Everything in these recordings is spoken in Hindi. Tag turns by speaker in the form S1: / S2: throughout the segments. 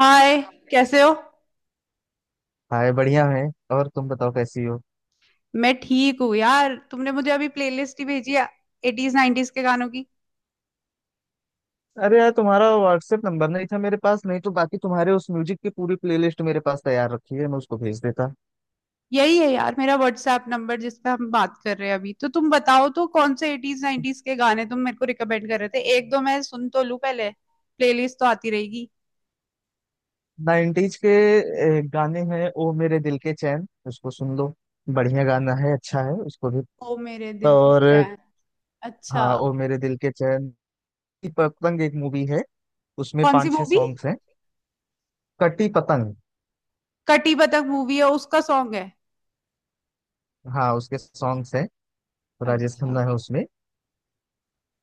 S1: हाय। कैसे हो।
S2: हाय, बढ़िया है। और तुम बताओ कैसी हो।
S1: मैं ठीक हूँ यार, तुमने मुझे अभी प्लेलिस्ट ही भेजी है एटीज नाइनटीज के गानों की।
S2: अरे यार, तुम्हारा व्हाट्सएप नंबर नहीं था मेरे पास, नहीं तो बाकी तुम्हारे उस म्यूजिक की पूरी प्लेलिस्ट मेरे पास तैयार रखी है, मैं उसको भेज देता।
S1: यही है यार मेरा व्हाट्सएप नंबर जिस पे हम बात कर रहे हैं अभी। तो तुम बताओ तो कौन से एटीज नाइनटीज के गाने तुम मेरे को रिकमेंड कर रहे थे, एक दो मैं सुन तो लूँ पहले। प्लेलिस्ट तो आती रहेगी।
S2: नाइन्टीज के गाने हैं, ओ मेरे दिल के चैन, उसको सुन लो। बढ़िया गाना है, अच्छा है उसको भी।
S1: ओ मेरे दिल के
S2: और
S1: चैन। अच्छा।
S2: हाँ, ओ मेरे दिल के चैन। कटी पतंग एक मूवी है, उसमें
S1: कौन सी
S2: पांच छह
S1: मूवी।
S2: सॉन्ग्स हैं। कटी पतंग।
S1: कटी बतक मूवी है, उसका सॉन्ग है।
S2: हाँ, उसके सॉन्ग्स हैं। राजेश
S1: अच्छा।
S2: खन्ना है उसमें।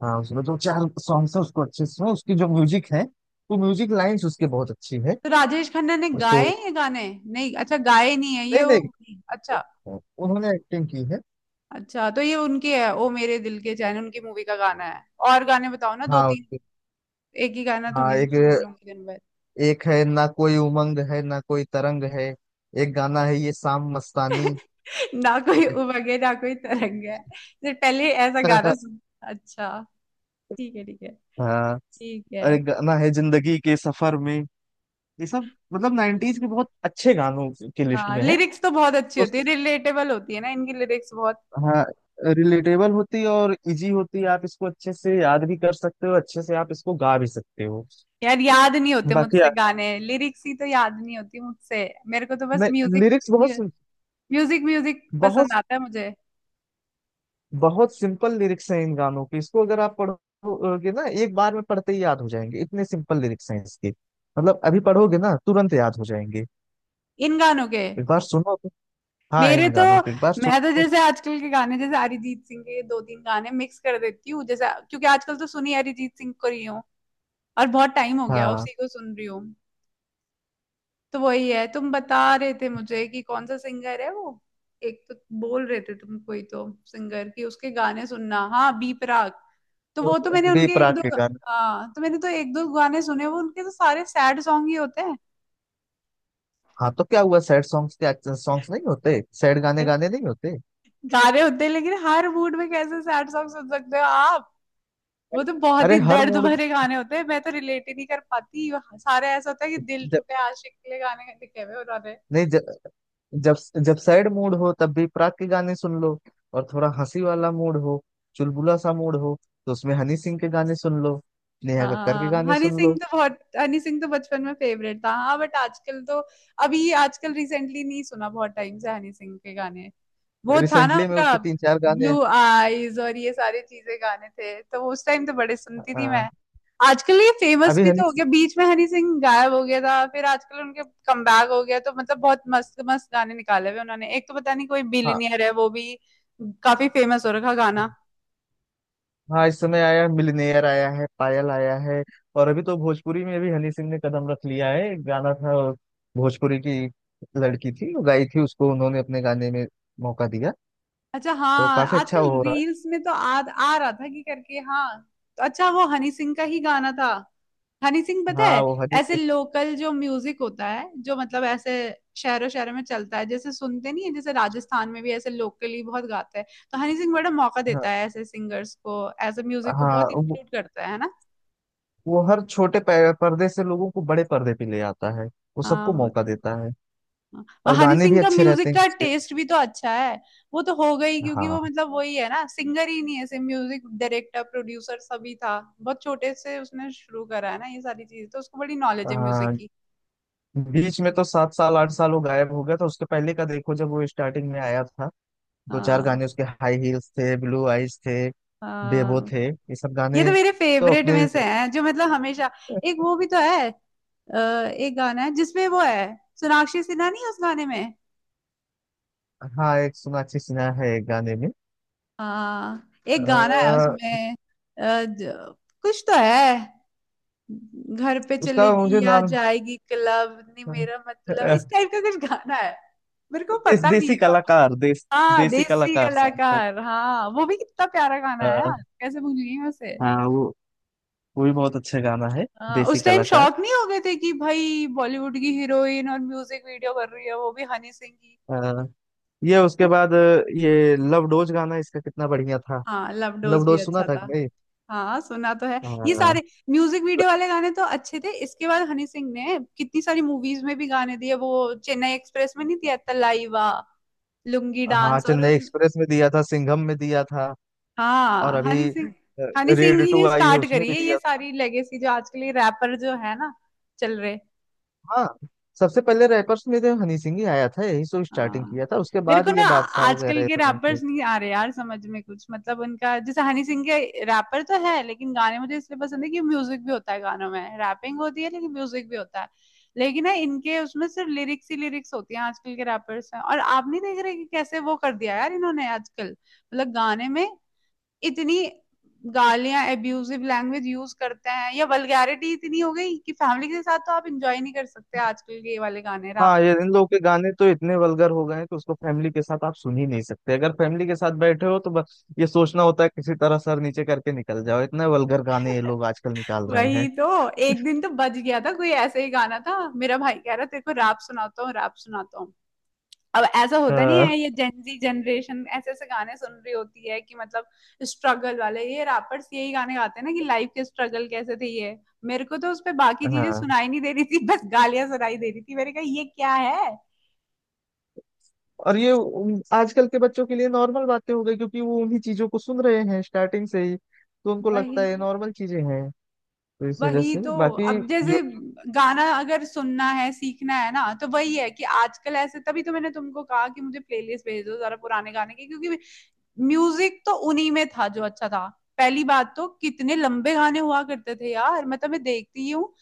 S2: हाँ, उसमें जो चार सॉन्ग्स है उसको अच्छे से सुनो, उसकी जो म्यूजिक है, वो म्यूजिक लाइंस उसके बहुत अच्छी है।
S1: तो राजेश खन्ना ने
S2: उसको।
S1: गाए हैं ये गाने? नहीं, अच्छा गाए नहीं है ये
S2: नहीं
S1: वो।
S2: नहीं,
S1: अच्छा।
S2: उन्होंने एक्टिंग की है।
S1: अच्छा तो ये उनकी है, ओ मेरे दिल के चैन उनकी मूवी का गाना है। और गाने बताओ ना दो
S2: हाँ।
S1: तीन। एक ही गाना
S2: हाँ।
S1: थोड़ी ना
S2: एक
S1: सुनती रहूंगी दिन भर।
S2: एक है ना, कोई उमंग है ना कोई तरंग है। एक गाना है ये शाम मस्तानी।
S1: ना कोई
S2: ये-
S1: उमंग है ना कोई तरंग है, तो पहले ऐसा गाना सुन। अच्छा। ठीक है ठीक है।
S2: हाँ।
S1: ठीक है।
S2: और एक गाना है जिंदगी के सफर में। ये सब मतलब नाइनटीज के बहुत अच्छे गानों की लिस्ट
S1: हाँ
S2: में है।
S1: लिरिक्स तो बहुत अच्छी होती है, रिलेटेबल होती है ना, इनकी लिरिक्स बहुत।
S2: हाँ, रिलेटेबल होती है और इजी होती है, आप इसको अच्छे से याद भी कर सकते हो, अच्छे से आप इसको गा भी सकते हो।
S1: यार याद नहीं होते
S2: बाकी
S1: मुझसे गाने, लिरिक्स ही तो याद नहीं होती मुझसे। मेरे को तो बस
S2: मैं
S1: म्यूजिक,
S2: लिरिक्स बहुत सिं-
S1: म्यूजिक म्यूजिक
S2: बहुत
S1: पसंद आता है मुझे।
S2: बहुत सिंपल लिरिक्स हैं इन गानों के, इसको अगर आप पढ़ोगे ना, एक बार में पढ़ते ही याद हो जाएंगे, इतने सिंपल लिरिक्स हैं इसके। मतलब अभी पढ़ोगे ना तुरंत याद हो जाएंगे।
S1: इन गानों के।
S2: एक बार सुनो तो। हाँ,
S1: मेरे
S2: इन
S1: तो,
S2: गानों के एक बार
S1: मैं
S2: सुनो
S1: तो
S2: तो।
S1: जैसे आजकल के गाने जैसे अरिजीत सिंह के दो तीन गाने मिक्स कर देती हूँ जैसे, क्योंकि आजकल तो सुनी अरिजीत सिंह को रही हूँ, और बहुत टाइम हो गया
S2: हाँ।
S1: उसी को सुन रही हूँ। तो वही है, तुम बता रहे थे मुझे कि कौन सा सिंगर है वो, एक तो बोल रहे थे तुम कोई तो सिंगर कि उसके गाने सुनना, हाँ बी प्राक। तो
S2: तो
S1: वो तो मैंने
S2: बी
S1: उनके एक
S2: प्राक
S1: दो,
S2: के गाने।
S1: हाँ तो मैंने तो एक दो गाने सुने वो उनके, तो सारे सैड सॉन्ग ही होते हैं।
S2: हाँ, तो क्या हुआ? सैड सॉन्ग्स क्या सॉन्ग्स नहीं होते? सैड गाने गाने नहीं होते?
S1: गा रहे होते हैं, लेकिन हर मूड में कैसे सैड सॉन्ग सुन सकते हो आप। वो तो बहुत
S2: अरे,
S1: ही
S2: हर
S1: दर्द
S2: मूड।
S1: भरे गाने होते हैं, मैं तो रिलेट ही नहीं कर पाती। सारे ऐसा होता है कि दिल
S2: जब
S1: टूटे आशिक के लिए गाने लिखे हुए उन्होंने।
S2: नहीं जब जब जब सैड मूड हो तब भी प्राक के गाने सुन लो। और थोड़ा हंसी वाला मूड हो, चुलबुला सा मूड हो, तो उसमें हनी सिंह के गाने सुन लो, नेहा कक्कड़ के
S1: हाँ
S2: गाने
S1: हनी
S2: सुन
S1: सिंह
S2: लो।
S1: तो बहुत, हनी सिंह तो बचपन में फेवरेट था हाँ, बट आजकल तो अभी आजकल रिसेंटली नहीं सुना, बहुत टाइम से हनी सिंह के गाने। वो था ना
S2: रिसेंटली में
S1: उनका
S2: उसके तीन चार गाने।
S1: ब्लू आईज और ये सारी चीजें गाने थे, तो उस टाइम तो बड़े सुनती थी
S2: अ,
S1: मैं। आजकल ये फेमस
S2: अभी
S1: भी
S2: हनी
S1: तो हो
S2: सिंह।
S1: गया, बीच में हनी सिंह गायब हो गया था, फिर आजकल उनके कमबैक हो गया, तो मतलब बहुत मस्त मस्त गाने निकाले हुए उन्होंने, एक तो पता नहीं कोई
S2: हाँ।
S1: बिलियनियर है वो भी, काफी फेमस हो रखा गाना।
S2: हाँ, इस समय आया मिलनेयर आया है, पायल आया है। और अभी तो भोजपुरी में भी हनी सिंह ने कदम रख लिया है, एक गाना था, भोजपुरी की लड़की थी, वो गाई थी, उसको उन्होंने अपने गाने में मौका दिया।
S1: अच्छा,
S2: तो
S1: हाँ
S2: काफी अच्छा
S1: आजकल
S2: हो रहा है।
S1: रील्स में तो आ रहा था कि करके, हाँ। तो अच्छा, वो हनी सिंह का ही गाना था। हनी सिंह, पता
S2: हाँ,
S1: है,
S2: वो हनी
S1: ऐसे
S2: सिंह।
S1: लोकल जो म्यूजिक होता है, जो मतलब ऐसे शहरों शहरों में चलता है, जैसे सुनते नहीं है, जैसे राजस्थान में भी ऐसे लोकली बहुत गाते हैं, तो हनी सिंह बड़ा मौका देता
S2: हाँ।
S1: है ऐसे सिंगर्स को, ऐसे म्यूजिक को
S2: हाँ
S1: बहुत इंक्लूड करता है ना।
S2: वो हर छोटे पर्दे से लोगों को बड़े पर्दे पे ले आता है। वो
S1: हाँ
S2: सबको
S1: वो,
S2: मौका देता है।
S1: हाँ,
S2: और
S1: हनी
S2: गाने भी
S1: सिंह का
S2: अच्छे रहते
S1: म्यूजिक
S2: हैं
S1: का
S2: उसके।
S1: टेस्ट भी तो अच्छा है। वो तो हो गई, क्योंकि वो
S2: हाँ।
S1: मतलब वही है ना, सिंगर ही नहीं है ऐसे, म्यूजिक डायरेक्टर प्रोड्यूसर सभी था, बहुत छोटे से उसने शुरू करा है ना ये सारी चीज, तो उसको बड़ी नॉलेज है म्यूजिक
S2: आ,
S1: की।
S2: बीच में तो सात साल आठ साल वो गायब हो गया था, उसके पहले का देखो, जब वो स्टार्टिंग में आया था, दो चार
S1: हाँ।
S2: गाने उसके, हाई हील्स थे, ब्लू आइज थे, बेबो
S1: हाँ
S2: थे, ये सब
S1: ये
S2: गाने।
S1: तो मेरे
S2: तो
S1: फेवरेट
S2: अपने।
S1: में से हैं जो मतलब हमेशा, एक वो भी तो है, एक गाना है जिसमें वो है, सोनाक्षी सिन्हा नहीं है उस गाने में।
S2: हाँ, एक सोनाक्षी सिन्हा है एक गाने में।
S1: हाँ एक गाना है
S2: आ,
S1: उसमें, कुछ तो है, घर पे
S2: उसका
S1: चलेगी
S2: मुझे
S1: या
S2: नाम।
S1: जाएगी क्लब, नहीं मेरा मतलब इस टाइप का कुछ गाना है, मेरे को
S2: देश,
S1: पता
S2: देसी
S1: नहीं कौन।
S2: कलाकार, देश
S1: हाँ
S2: देसी
S1: देसी
S2: कलाकार सॉन्ग
S1: कलाकार, हाँ वो भी कितना प्यारा गाना है
S2: था।
S1: यार, कैसे भूल गई मैं उसे।
S2: हाँ, वो भी बहुत अच्छा गाना है।
S1: हाँ,
S2: देसी
S1: उस टाइम
S2: कलाकार।
S1: शौक नहीं हो गए थे कि भाई बॉलीवुड की हीरोइन और म्यूजिक वीडियो कर रही है, वो भी हनी सिंह की।
S2: अ, ये उसके बाद ये लव डोज गाना, इसका कितना बढ़िया था।
S1: हाँ लव
S2: लव
S1: डोज भी
S2: डोज सुना
S1: अच्छा
S2: था कि
S1: था।
S2: नहीं।
S1: हाँ सुना तो है। ये
S2: हाँ।
S1: सारे म्यूजिक
S2: ल-
S1: वीडियो वाले गाने तो अच्छे थे, इसके बाद हनी सिंह ने कितनी सारी मूवीज में भी गाने दिए, वो चेन्नई एक्सप्रेस में नहीं दिया तलाइवा लुंगी
S2: हाँ,
S1: डांस और
S2: चेन्नई
S1: उस,
S2: एक्सप्रेस में दिया था, सिंघम में दिया था। और
S1: हाँ
S2: अभी
S1: हनी सिंह, हनी सिंह
S2: रेड
S1: ही
S2: टू
S1: ने
S2: आई है,
S1: स्टार्ट
S2: उसमें
S1: करी
S2: भी
S1: है ये
S2: दिया था।
S1: सारी लेगेसी, जो आजकल ये रैपर जो है ना चल रहे।
S2: हाँ, सबसे पहले रैपर्स में तो हनी सिंह ही आया था, यही सो स्टार्टिंग
S1: हाँ
S2: किया था, उसके
S1: मेरे
S2: बाद
S1: को ना,
S2: ये बादशाह
S1: आजकल
S2: वगैरह ये
S1: के
S2: सब।
S1: रैपर्स नहीं आ रहे यार समझ में कुछ, मतलब उनका जैसे हनी सिंह के रैपर तो है, लेकिन गाने मुझे इसलिए पसंद है कि म्यूजिक भी होता है गानों में, रैपिंग होती है लेकिन म्यूजिक भी होता है। लेकिन ना इनके उसमें सिर्फ लिरिक्स ही लिरिक्स होती हैं आजकल के रैपर्स में, और आप नहीं देख रहे कि कैसे वो कर दिया यार इन्होंने आजकल, मतलब गाने में इतनी गालियां, एब्यूजिव लैंग्वेज यूज करते हैं, या वल्गैरिटी इतनी हो गई कि फैमिली के साथ तो आप इंजॉय नहीं कर सकते आजकल के ये वाले गाने।
S2: हाँ, ये इन लोगों के गाने तो इतने वल्गर हो गए हैं कि उसको फैमिली के साथ आप सुन ही नहीं सकते अगर फैमिली के साथ बैठे हो तो बस ये सोचना होता है किसी तरह सर नीचे करके निकल जाओ इतने वल्गर गाने ये लोग आजकल निकाल रहे
S1: वही
S2: हैं
S1: तो, एक दिन तो बच गया था, कोई ऐसा ही गाना था, मेरा भाई कह रहा तेरे को रैप सुनाता हूँ, रैप सुनाता हूँ। अब ऐसा
S2: अ,
S1: होता नहीं है, ये जेंजी जनरेशन ऐसे ऐसे गाने सुन रही होती है कि मतलब, स्ट्रगल वाले ये रैपर्स यही गाने गाते हैं ना, कि लाइफ के स्ट्रगल कैसे थे ये। मेरे को तो उस पे बाकी चीजें
S2: हाँ
S1: सुनाई नहीं दे रही थी, बस गालियां सुनाई दे रही थी, मैंने कहा ये क्या है।
S2: और ये आजकल के बच्चों के लिए नॉर्मल बातें हो गई, क्योंकि वो उन्हीं चीजों को सुन रहे हैं स्टार्टिंग से ही, तो उनको
S1: वही,
S2: लगता है ये नॉर्मल चीजें हैं। तो इस वजह
S1: वही
S2: से
S1: तो,
S2: बाकी
S1: अब
S2: जो।
S1: जैसे गाना अगर सुनना है सीखना है ना, तो वही है कि आजकल ऐसे, तभी तो मैंने तुमको कहा कि मुझे प्लेलिस्ट भेज दो जरा पुराने गाने की, क्योंकि म्यूजिक तो उन्हीं में था जो अच्छा था। पहली बात तो कितने लंबे गाने हुआ करते थे यार, मतलब मैं देखती ही हूँ,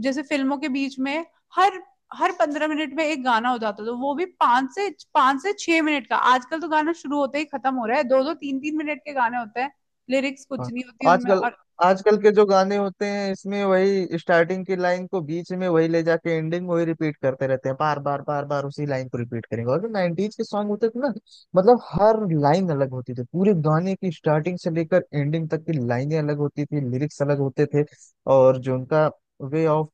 S1: जैसे फिल्मों के बीच में हर हर 15 मिनट में एक गाना हो जाता था, तो वो भी पांच से 6 मिनट का, आजकल तो गाना शुरू होते ही खत्म हो रहा है, दो दो तीन तीन मिनट के गाने होते हैं, लिरिक्स कुछ
S2: हाँ,
S1: नहीं होती उनमें,
S2: आजकल
S1: और
S2: आजकल के जो गाने होते हैं, इसमें वही स्टार्टिंग की लाइन को बीच में वही ले जाके एंडिंग वही रिपीट करते रहते हैं, बार बार बार बार उसी लाइन को रिपीट करेंगे। और जो 90s के सॉन्ग होते थे ना, मतलब हर लाइन अलग होती थी, पूरे गाने की स्टार्टिंग से लेकर एंडिंग तक की लाइनें अलग होती थी, लिरिक्स अलग होते थे। और जो उनका वे ऑफ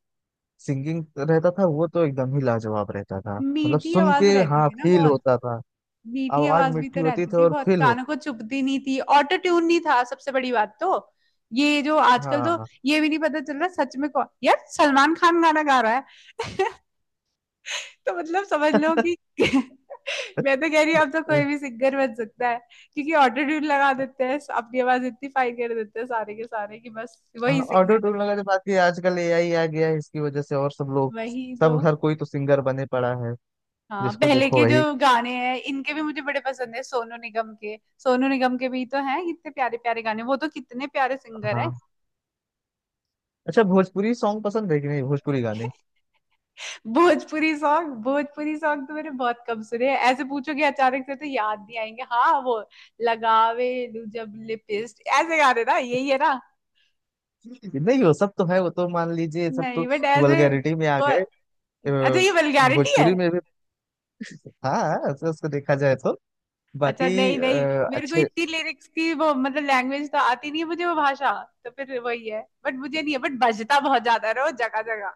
S2: सिंगिंग रहता था, वो तो एकदम ही लाजवाब रहता था। मतलब
S1: मीठी
S2: सुन
S1: आवाज
S2: के
S1: रहती
S2: हाँ
S1: थी ना
S2: फील
S1: बहुत।
S2: होता था।
S1: मीठी
S2: आवाज
S1: आवाज भी
S2: मीठी
S1: तो
S2: होती
S1: रहती
S2: थी
S1: थी
S2: और
S1: बहुत,
S2: फील होता।
S1: कानों को चुभती नहीं थी, ऑटो ट्यून नहीं था सबसे बड़ी बात तो, ये जो आजकल तो,
S2: हाँ।
S1: ये भी नहीं पता चल रहा सच में कौन, यार सलमान खान गाना गा रहा है, तो मतलब समझ लो कि मैं तो कह रही हूँ, अब तो कोई भी सिंगर बन सकता है, क्योंकि ऑटो ट्यून लगा देते हैं, अपनी आवाज इतनी फाइन कर देते हैं सारे के सारे, कि बस वही
S2: ऑटो
S1: सिंगर है।
S2: ट्यून लगा, तो बाकी आजकल एआई आ गया है, इसकी वजह से और सब लोग,
S1: वही तो,
S2: सब, हर कोई तो सिंगर बने पड़ा है।
S1: हाँ
S2: जिसको
S1: पहले
S2: देखो
S1: के जो
S2: वही।
S1: गाने हैं इनके भी मुझे बड़े पसंद है, सोनू निगम के। सोनू निगम के भी तो हैं कितने प्यारे प्यारे गाने, वो तो कितने प्यारे सिंगर है।
S2: हाँ, अच्छा, भोजपुरी सॉन्ग पसंद है कि नहीं? भोजपुरी गाने?
S1: भोजपुरी सॉन्ग, भोजपुरी सॉन्ग तो मैंने बहुत कम सुने हैं, ऐसे पूछोगे अचानक से तो याद नहीं आएंगे, हाँ वो लगावे लू जब लिपिस्ट, ऐसे गाने ना, यही है ना।
S2: नहीं, वो सब तो है, वो तो मान लीजिए सब
S1: नहीं
S2: तो
S1: बट ऐसे
S2: वल्गैरिटी में आ
S1: और,
S2: गए।
S1: अच्छा,
S2: अ,
S1: ये वल्गैरिटी है।
S2: भोजपुरी में भी। हाँ, ऐसे उसको देखा जाए तो।
S1: अच्छा
S2: बाकी
S1: नहीं नहीं, मेरे को
S2: अच्छे।
S1: इतनी लिरिक्स की वो मतलब लैंग्वेज तो आती नहीं है मुझे, वो भाषा, तो फिर वही है, बट मुझे नहीं है, बट बजता बहुत ज्यादा है ना वो, जगह जगह।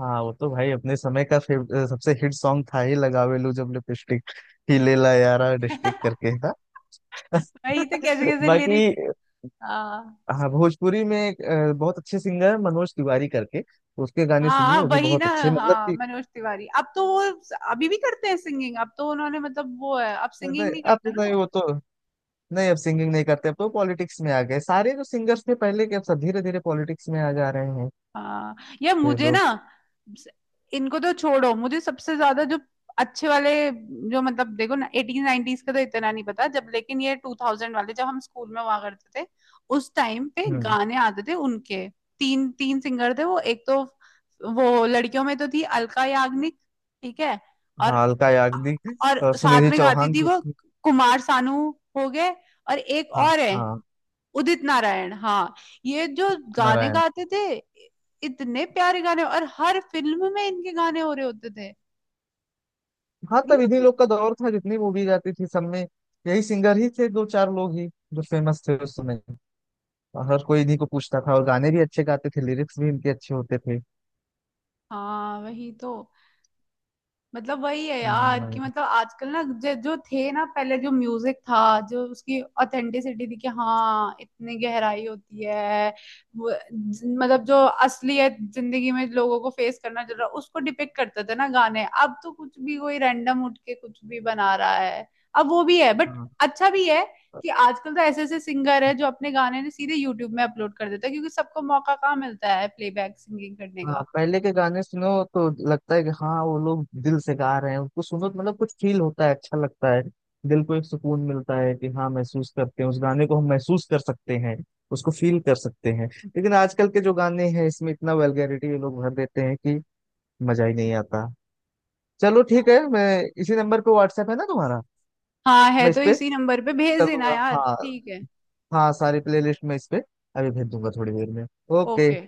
S2: हाँ, वो तो भाई अपने समय का सबसे हिट सॉन्ग था ही, लगावे लू जब लिपस्टिक, ही ले ला यारा डिस्टिक करके था।
S1: वही तो, कैसे कैसे
S2: बाकी।
S1: लिरिक्स। हाँ।
S2: हाँ, भोजपुरी में एक बहुत अच्छे सिंगर है मनोज तिवारी करके, उसके गाने सुनिए,
S1: हाँ
S2: वो भी
S1: वही
S2: बहुत
S1: ना,
S2: अच्छे, मतलब
S1: हाँ
S2: कि।
S1: मनोज तिवारी। अब तो वो अभी भी करते हैं सिंगिंग, अब तो उन्होंने मतलब वो है, अब सिंगिंग
S2: नहीं,
S1: नहीं
S2: अब
S1: करते
S2: तो
S1: ना
S2: नहीं,
S1: वो।
S2: वो तो। नहीं, अब सिंगिंग नहीं करते, अब तो पॉलिटिक्स में आ गए, सारे जो सिंगर्स थे पहले के, अब सब धीरे धीरे पॉलिटिक्स में आ जा रहे हैं।
S1: हाँ, यार
S2: ये
S1: मुझे ना,
S2: लोग।
S1: इनको तो छोड़ो, मुझे सबसे ज्यादा जो अच्छे वाले, जो मतलब देखो ना, एटीन नाइनटीज का तो इतना नहीं पता जब, लेकिन ये 2000 वाले, जब हम स्कूल में हुआ करते थे उस टाइम पे
S2: हम्म।
S1: गाने आते थे उनके, तीन तीन सिंगर थे वो, एक तो वो लड़कियों में तो थी अलका याग्निक। ठीक है, और
S2: हाँ, अलका याग्निक।
S1: और
S2: और
S1: साथ
S2: सुनिधि
S1: में गाती
S2: चौहान
S1: थी
S2: भी
S1: वो,
S2: थी।
S1: कुमार सानू हो गए, और एक
S2: हाँ।
S1: और है
S2: हाँ,
S1: उदित नारायण, हाँ, ये जो गाने
S2: नारायण।
S1: गाते थे इतने प्यारे गाने, और हर फिल्म में इनके गाने हो रहे होते थे,
S2: हाँ,
S1: नहीं
S2: तब इन्हीं
S1: होते।
S2: लोग का दौर था, जितनी मूवीज आती थी सब में यही सिंगर ही थे, दो चार लोग ही जो फेमस थे उस समय। और हर कोई इन्हीं को पूछता था, और गाने भी अच्छे गाते थे, लिरिक्स भी इनके अच्छे होते थे।
S1: हाँ वही तो, मतलब वही है यार, कि
S2: हाँ,
S1: मतलब आजकल ना जो जो थे ना पहले, जो म्यूजिक था, जो उसकी ऑथेंटिसिटी थी, कि हाँ इतनी गहराई होती है, मतलब जो असलियत जिंदगी में लोगों को फेस करना चल रहा, उसको डिपिक्ट करते थे ना गाने। अब तो कुछ भी कोई रैंडम उठ के कुछ भी बना रहा है, अब वो भी है बट
S2: हाँ,
S1: अच्छा भी है, कि आजकल तो ऐसे ऐसे सिंगर है जो अपने गाने ने सीधे यूट्यूब में अपलोड कर देता है, क्योंकि सबको मौका कहाँ मिलता है प्लेबैक सिंगिंग करने
S2: हाँ,
S1: का।
S2: पहले के गाने सुनो तो लगता है कि हाँ, वो लोग दिल से गा रहे हैं, उनको सुनो तो मतलब कुछ फील होता है, अच्छा लगता है। दिल को एक सुकून मिलता है कि हाँ, महसूस करते हैं, उस गाने को हम महसूस कर सकते हैं, उसको फील कर सकते हैं। लेकिन आजकल के जो गाने हैं, इसमें इतना वल्गैरिटी ये लोग भर देते हैं कि मजा ही नहीं आता। चलो, ठीक है, मैं इसी नंबर पे, व्हाट्सएप है ना तुम्हारा?
S1: हाँ है,
S2: मैं इस
S1: तो
S2: पे
S1: इसी नंबर पे
S2: send
S1: भेज
S2: कर
S1: देना
S2: दूंगा,
S1: यार,
S2: हाँ।
S1: ठीक है,
S2: हाँ, सारी प्लेलिस्ट मैं इस पे अभी भेज दूंगा, थोड़ी देर में। ओके।
S1: ओके।